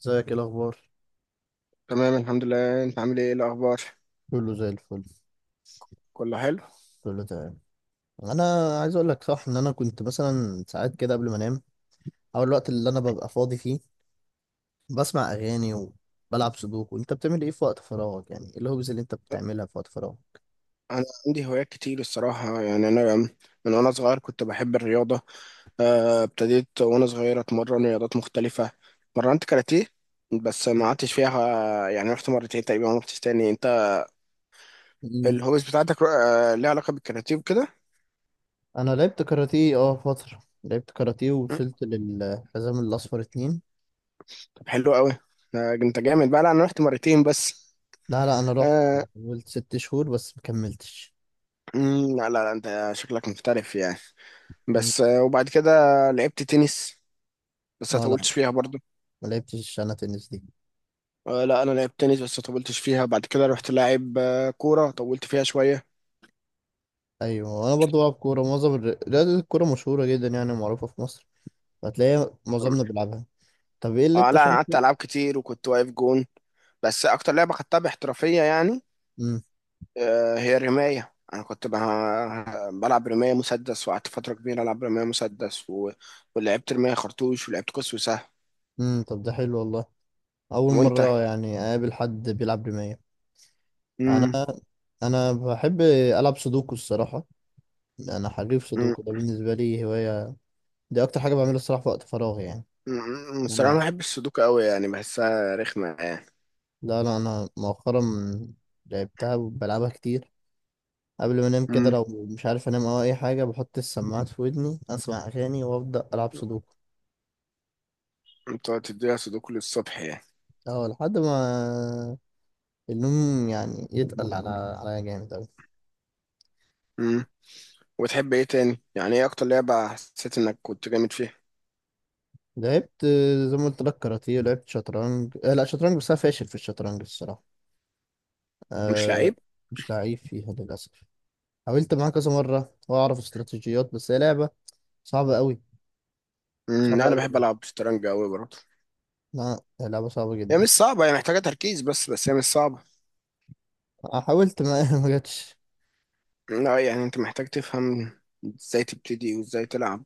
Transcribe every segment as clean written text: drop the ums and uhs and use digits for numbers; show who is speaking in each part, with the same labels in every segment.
Speaker 1: ازيك؟ ايه الاخبار؟
Speaker 2: تمام، الحمد لله. انت عامل ايه؟ ايه الاخبار؟
Speaker 1: كله زي الفل،
Speaker 2: كله حلو.
Speaker 1: كله تمام. انا عايز اقول لك، صح، ان انا كنت مثلا ساعات كده قبل ما انام او الوقت اللي انا ببقى فاضي فيه بسمع اغاني وبلعب سودوكو. انت بتعمل ايه في وقت فراغك؟ يعني ايه الهوبز اللي انت بتعملها في وقت فراغك؟
Speaker 2: انا عندي هوايات كتير الصراحه، يعني انا من وانا صغير كنت بحب الرياضه. ابتديت وانا صغير اتمرن رياضات مختلفه. مرنت كاراتيه، بس ما قعدتش فيها. يعني رحت مرتين تقريبا، ما رحتش تاني. انت
Speaker 1: مم.
Speaker 2: الهوبيز بتاعتك ليها علاقه بالكاراتيه وكده؟
Speaker 1: انا لعبت كاراتيه، اه، فتره، لعبت كاراتيه
Speaker 2: م.
Speaker 1: ووصلت للحزام الاصفر اتنين.
Speaker 2: طب حلو قوي. انت جامد بقى. لا انا رحت مرتين بس.
Speaker 1: لا، لا، انا رحت،
Speaker 2: آه.
Speaker 1: حاولت ست شهور بس مكملتش.
Speaker 2: م، لا لا لا، انت شكلك محترف يعني.
Speaker 1: مم.
Speaker 2: بس وبعد كده لعبت تنس، بس ما
Speaker 1: اه لا،
Speaker 2: طولتش فيها برضو.
Speaker 1: ما لعبتش انا تنس دي.
Speaker 2: لا انا لعبت تنس بس طولتش فيها. بعد كده رحت لاعب كوره، طولت فيها شويه.
Speaker 1: ايوه انا برضو بلعب كوره. معظم رياضه الكوره مشهوره جدا، يعني معروفه في مصر. هتلاقي معظمنا بيلعبها. طب ايه اللي
Speaker 2: اه
Speaker 1: انت
Speaker 2: لا انا قعدت
Speaker 1: شايفه؟
Speaker 2: العاب كتير وكنت واقف جون، بس اكتر لعبه خدتها باحترافيه يعني
Speaker 1: امم.
Speaker 2: هي الرمايه. انا كنت بلعب رمايه مسدس، وقعدت فتره كبيره العب رمايه مسدس ولعبت رمايه خرطوش، ولعبت قوس وسهم.
Speaker 1: امم، طب ده حلو والله. اول
Speaker 2: وانت؟
Speaker 1: مره يعني اقابل حد بيلعب رمايه.
Speaker 2: امم.
Speaker 1: انا انا بحب العب سودوكو الصراحه. انا حريف
Speaker 2: امم.
Speaker 1: سودوكو، ده بالنسبه لي هوايه. دي اكتر حاجه بعملها الصراحه في وقت فراغي يعني. إن
Speaker 2: الصراحه ما
Speaker 1: انا
Speaker 2: بحبش السودوكو قوي، يعني بحسها رخمه يعني.
Speaker 1: لا، لا، انا مؤخرا لعبتها وبلعبها كتير. قبل ما انام كده،
Speaker 2: امم.
Speaker 1: لو مش عارف انام او اي حاجه، بحط السماعات في ودني، اسمع اغاني وابدا العب سودوكو.
Speaker 2: انت تديها سودوكو للصبح؟
Speaker 1: اه، لحد ما النوم يعني يتقل على عليا جامد أوي.
Speaker 2: يعني وبتحب ايه تاني؟ يعني ايه اكتر لعبة حسيت انك كنت جامد فيها؟
Speaker 1: لعبت، زي ما قلت لك، كاراتيه، لعبت شطرنج. لا، شطرنج، بس انا فاشل في الشطرنج الصراحه.
Speaker 2: مش
Speaker 1: آه
Speaker 2: لعيب.
Speaker 1: مش لعيب فيها للاسف. حاولت معاه كذا مره واعرف استراتيجيات، بس هي لعبه صعبه قوي.
Speaker 2: لا
Speaker 1: صعبه
Speaker 2: انا بحب
Speaker 1: قوي.
Speaker 2: العب شطرنج قوي برضه.
Speaker 1: لا، هي لعبه صعبه
Speaker 2: هي
Speaker 1: جدا.
Speaker 2: مش صعبة، هي محتاجة تركيز بس هي مش صعبة.
Speaker 1: حاولت، ما ما جاتش.
Speaker 2: لا يعني انت محتاج تفهم ازاي تبتدي وازاي تلعب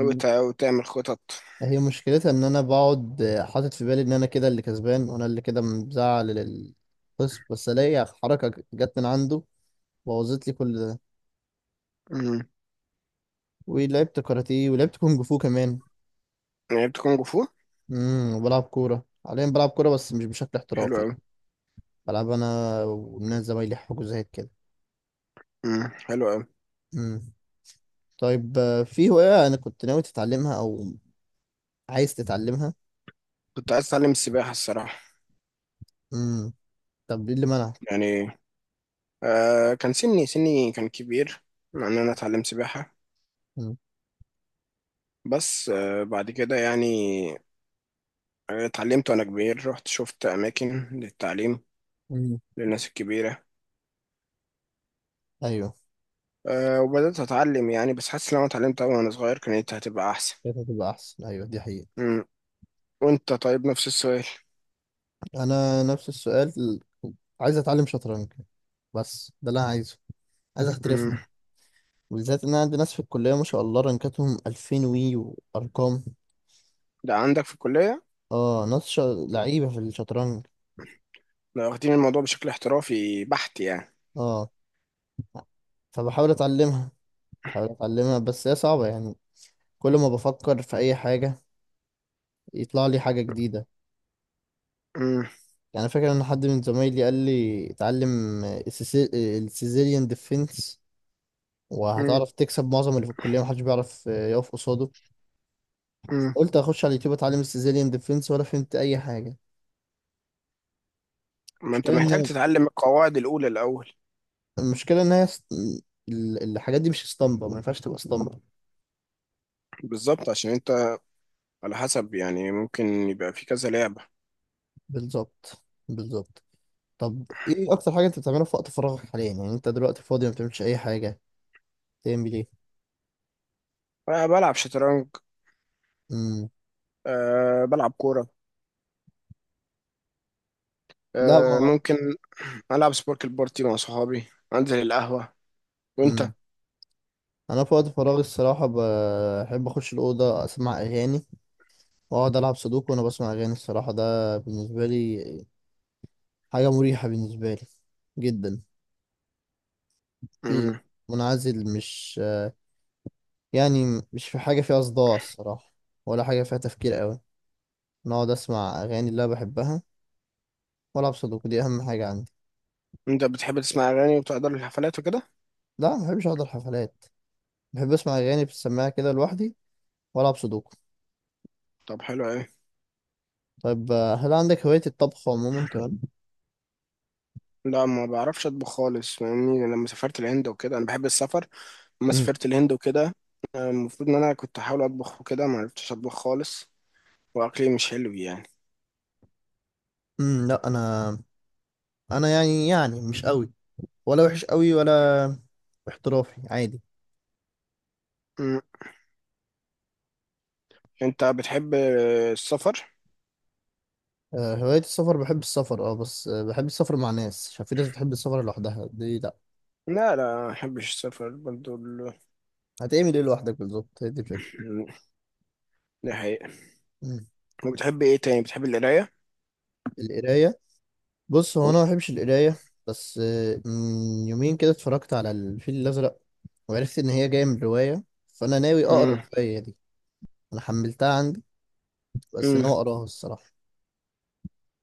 Speaker 2: وتعمل خطط.
Speaker 1: هي مشكلتها ان انا بقعد حاطط في بالي ان انا كده اللي كسبان وانا اللي كده مزعل للخصم، بس الاقي حركه جت من عنده، بوظت لي كل ده.
Speaker 2: امم.
Speaker 1: ولعبت كاراتيه، ولعبت كونج فو كمان.
Speaker 2: لعبت كونج فو؟
Speaker 1: وبلعب كورة حاليا، بلعب كورة بس مش بشكل
Speaker 2: حلو
Speaker 1: احترافي
Speaker 2: قوي.
Speaker 1: يعني. بلعب انا والناس زمايلي حجوزات كده.
Speaker 2: حلو قوي.
Speaker 1: امم. طيب، في هواية انا كنت ناوي تتعلمها او عايز تتعلمها؟
Speaker 2: كنت عايز اتعلم السباحة الصراحة.
Speaker 1: امم. طب ايه اللي منعك؟
Speaker 2: يعني كان سني كان كبير ان انا اتعلم سباحة.
Speaker 1: امم.
Speaker 2: بس بعد كده يعني اتعلمت وانا كبير. رحت شفت اماكن للتعليم
Speaker 1: امم،
Speaker 2: للناس الكبيرة.
Speaker 1: ايوه،
Speaker 2: وبدأت أتعلم يعني، بس حاسس لو أنا اتعلمت أوي وأنا صغير كانت هتبقى أحسن.
Speaker 1: كانت هتبقى احسن، ايوه دي حقيقة.
Speaker 2: مم. وأنت؟ طيب نفس السؤال.
Speaker 1: انا نفس السؤال، عايز اتعلم شطرنج، بس ده اللي انا عايزه، عايز
Speaker 2: مم.
Speaker 1: احترفها. بالذات ان انا عندي ناس في الكلية ما شاء الله رانكاتهم 2000 وي وارقام.
Speaker 2: ده عندك في الكلية؟
Speaker 1: اه، ناس لعيبة في الشطرنج.
Speaker 2: لو واخدين الموضوع بشكل احترافي بحت يعني.
Speaker 1: اه، فبحاول اتعلمها، بحاول اتعلمها بس هي صعبة يعني. كل ما بفكر في اي حاجة يطلع لي حاجة جديدة.
Speaker 2: مم.
Speaker 1: يعني فاكر ان حد من زمايلي قال لي اتعلم السيزيليان ديفنس،
Speaker 2: مم.
Speaker 1: وهتعرف تكسب معظم اللي في الكلية، محدش بيعرف يقف قصاده.
Speaker 2: مم.
Speaker 1: قلت اخش على اليوتيوب اتعلم السيزيليان ديفنس، ولا فهمت اي حاجة.
Speaker 2: ما أنت
Speaker 1: المشكلة
Speaker 2: محتاج
Speaker 1: ان
Speaker 2: تتعلم القواعد الأولى الأول.
Speaker 1: المشكلة ان هي الحاجات دي مش اسطمبة، ما ينفعش تبقى اسطمبة.
Speaker 2: بالظبط، عشان أنت على حسب يعني ممكن يبقى في كذا لعبة.
Speaker 1: بالظبط، بالظبط. طب ايه اكتر حاجة انت بتعملها في وقت فراغك حاليا؟ يعني انت دلوقتي فاضي، ما بتعملش اي حاجة، تعمل ايه؟
Speaker 2: بلعب شطرنج، بلعب كورة،
Speaker 1: لا، ما.
Speaker 2: ممكن ألعب سبورك البارتي مع صحابي، أنزل القهوة. وأنت؟
Speaker 1: مم. انا في وقت فراغي الصراحه بحب اخش الاوضه، اسمع اغاني واقعد العب سودوكو وانا بسمع اغاني الصراحه. ده بالنسبه لي حاجه مريحه بالنسبه لي جدا، في، منعزل، مش يعني مش في حاجه فيها صداع الصراحه، ولا حاجه فيها تفكير قوي. أنا اقعد اسمع اغاني اللي انا بحبها والعب سودوكو، دي اهم حاجه عندي.
Speaker 2: انت بتحب تسمع اغاني وبتقدر الحفلات وكده؟
Speaker 1: لا، ما بحبش احضر حفلات. بحب اسمع اغاني في السماعه كده لوحدي، والعب سودوكو.
Speaker 2: طب حلو قوي.
Speaker 1: طيب، هل عندك هوايه الطبخ عموما كمان؟
Speaker 2: لا ما بعرفش اطبخ خالص، فاهمني لما سافرت الهند وكده انا بحب السفر. لما
Speaker 1: امم،
Speaker 2: سافرت الهند وكده المفروض ان انا كنت احاول اطبخ وكده، ما عرفتش اطبخ خالص، واكلي مش حلو يعني.
Speaker 1: امم. لا، انا يعني مش قوي، ولا وحش قوي، ولا احترافي، عادي.
Speaker 2: مم. انت بتحب السفر؟
Speaker 1: هواية السفر، بحب السفر اه. بس بحب السفر مع ناس، عشان في ناس بتحب السفر لوحدها، دي لا.
Speaker 2: لا لا ما بحبش السفر برضو
Speaker 1: هتعمل ايه لوحدك؟ بالظبط، هي دي الفكرة.
Speaker 2: دي حقيقة.
Speaker 1: مم.
Speaker 2: وبتحب ايه تاني؟ بتحب القراية؟
Speaker 1: القراية؟ بص، هو انا ما بحبش القراية. بس من يومين كده اتفرجت على الفيل الأزرق، وعرفت ان هي جاية من رواية، فانا ناوي اقرا
Speaker 2: مم.
Speaker 1: الرواية دي. انا حملتها عندي، بس
Speaker 2: مم.
Speaker 1: ناوي اقراها الصراحة.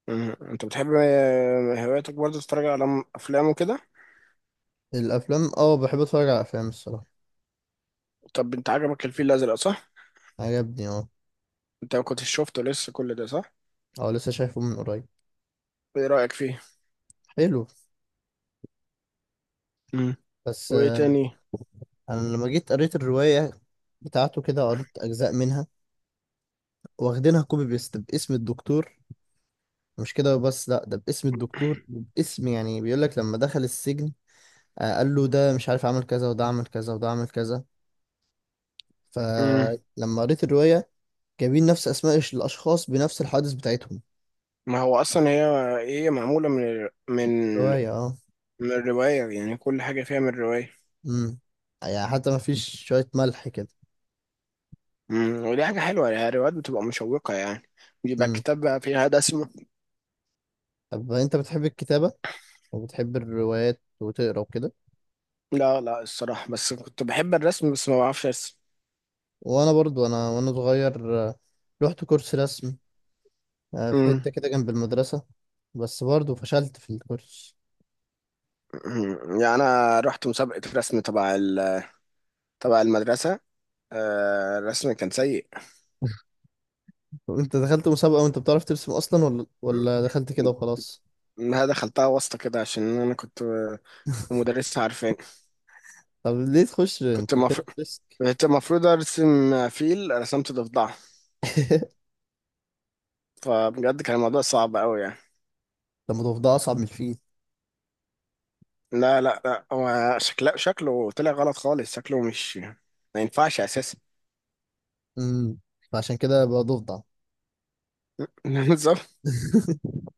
Speaker 2: مم. انت بتحب هواياتك برضو تتفرج على افلام وكده؟
Speaker 1: الافلام، اه بحب اتفرج على افلام الصراحة.
Speaker 2: طب انت عجبك الفيل الازرق صح؟
Speaker 1: عجبني، اه.
Speaker 2: انت ما كنتش شفته لسه كل ده صح؟
Speaker 1: اه، لسه شايفه من قريب.
Speaker 2: ايه رأيك فيه؟
Speaker 1: حلو.
Speaker 2: امم.
Speaker 1: بس
Speaker 2: وايه تاني؟
Speaker 1: انا لما جيت قريت الرواية بتاعته كده، قريت اجزاء منها، واخدينها كوبي بيست باسم الدكتور. مش كده بس، لا، ده باسم الدكتور وباسم، يعني بيقول لك لما دخل السجن، قال له ده مش عارف عمل كذا، وده عمل كذا، وده عمل كذا.
Speaker 2: امم.
Speaker 1: فلما قريت الرواية، جايبين نفس اسماء الاشخاص بنفس الحوادث بتاعتهم.
Speaker 2: ما هو اصلا هي ايه، هي معمولة من
Speaker 1: الرواية، اه.
Speaker 2: من الرواية، يعني كل حاجة فيها من الرواية.
Speaker 1: امم. يعني حتى ما فيش شوية ملح كده.
Speaker 2: ودي حاجة حلوة، يعني الروايات بتبقى مشوقة يعني بيبقى
Speaker 1: امم.
Speaker 2: كتاب بقى فيها رسم.
Speaker 1: طب انت بتحب الكتابة وبتحب الروايات وتقرا وكده؟
Speaker 2: لا لا الصراحة بس كنت بحب الرسم بس ما بعرفش ارسم.
Speaker 1: وانا برضو، انا وانا صغير، رحت كورس رسم، في
Speaker 2: امم.
Speaker 1: حتة كده جنب المدرسة. بس برضو فشلت في الكورس.
Speaker 2: يعني انا رحت مسابقة رسم تبع تبع المدرسة. الرسم كان سيء.
Speaker 1: طب انت دخلت مسابقة وانت بتعرف ترسم اصلا ولا
Speaker 2: امم.
Speaker 1: ولا دخلت كده وخلاص؟
Speaker 2: انا دخلتها واسطة كده، عشان انا كنت مدرسة عارفة.
Speaker 1: طب ليه تخش
Speaker 2: كنت
Speaker 1: انت كده
Speaker 2: مف...
Speaker 1: بترسك؟
Speaker 2: كنت المفروض ارسم فيل، رسمت ضفدعه. فبجد كان الموضوع صعب قوي يعني.
Speaker 1: طب ما ضفدع اصعب من الفيل؟
Speaker 2: لا لا لا، هو شكله طلع غلط خالص، شكله مش ما ينفعش اساسا.
Speaker 1: امم. فعشان كده بقى ضفدع.
Speaker 2: بالظبط.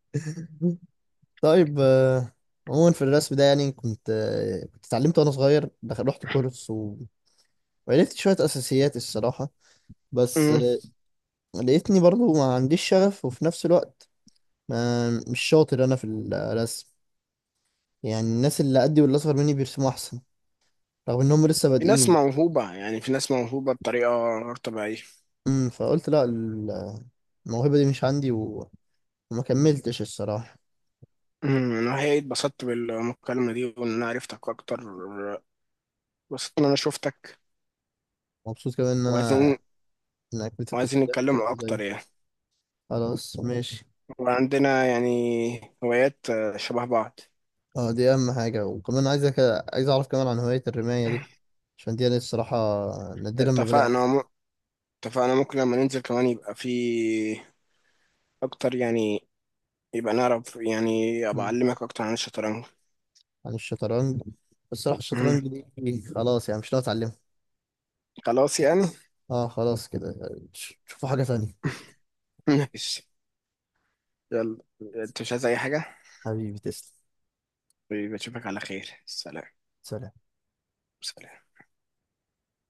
Speaker 1: طيب، عموما في الرسم ده يعني كنت اتعلمت وانا صغير، رحت كورس وعرفت شوية اساسيات الصراحة، بس
Speaker 2: أمم.
Speaker 1: لقيتني برضو ما عنديش شغف، وفي نفس الوقت ما مش شاطر انا في الرسم. يعني الناس اللي قدي واللي اصغر مني بيرسموا احسن، رغم انهم لسه
Speaker 2: في ناس
Speaker 1: بادئين.
Speaker 2: موهوبة، يعني في ناس موهوبة بطريقة غير طبيعية.
Speaker 1: فقلت لا، الموهبة دي مش عندي، وما كملتش الصراحة.
Speaker 2: أنا حقيقي اتبسطت بالمكالمة دي وإن أنا عرفتك أكتر، اتبسطت إن أنا شفتك.
Speaker 1: مبسوط كمان ان انا،
Speaker 2: وعايزين.
Speaker 1: انك كنت
Speaker 2: وعايزين
Speaker 1: بدأت
Speaker 2: نتكلم
Speaker 1: كرة
Speaker 2: أكتر
Speaker 1: زي،
Speaker 2: يعني.
Speaker 1: خلاص ماشي.
Speaker 2: وعندنا يعني هوايات شبه بعض.
Speaker 1: اه، دي اهم حاجة. وكمان عايزك، عايز اعرف كمان عن هواية الرماية دي، عشان دي، انا الصراحة نادرا ما بلاقي حد.
Speaker 2: اتفقنا. اتفقنا، ممكن لما ننزل كمان يبقى في اكتر يعني، يبقى نعرف يعني، ابقى
Speaker 1: مم.
Speaker 2: اعلمك اكتر عن الشطرنج.
Speaker 1: عن الشطرنج؟ بس الصراحة
Speaker 2: مهم.
Speaker 1: الشطرنج دي خلاص يعني، مش ناوي اتعلمها.
Speaker 2: خلاص يعني
Speaker 1: اه خلاص كده يعني، شوفوا حاجة تانية.
Speaker 2: ماشي. يلا. انت مش عايز اي حاجة؟
Speaker 1: حبيبي تسلم.
Speaker 2: بشوفك على خير. سلام.
Speaker 1: سلام.
Speaker 2: سلام.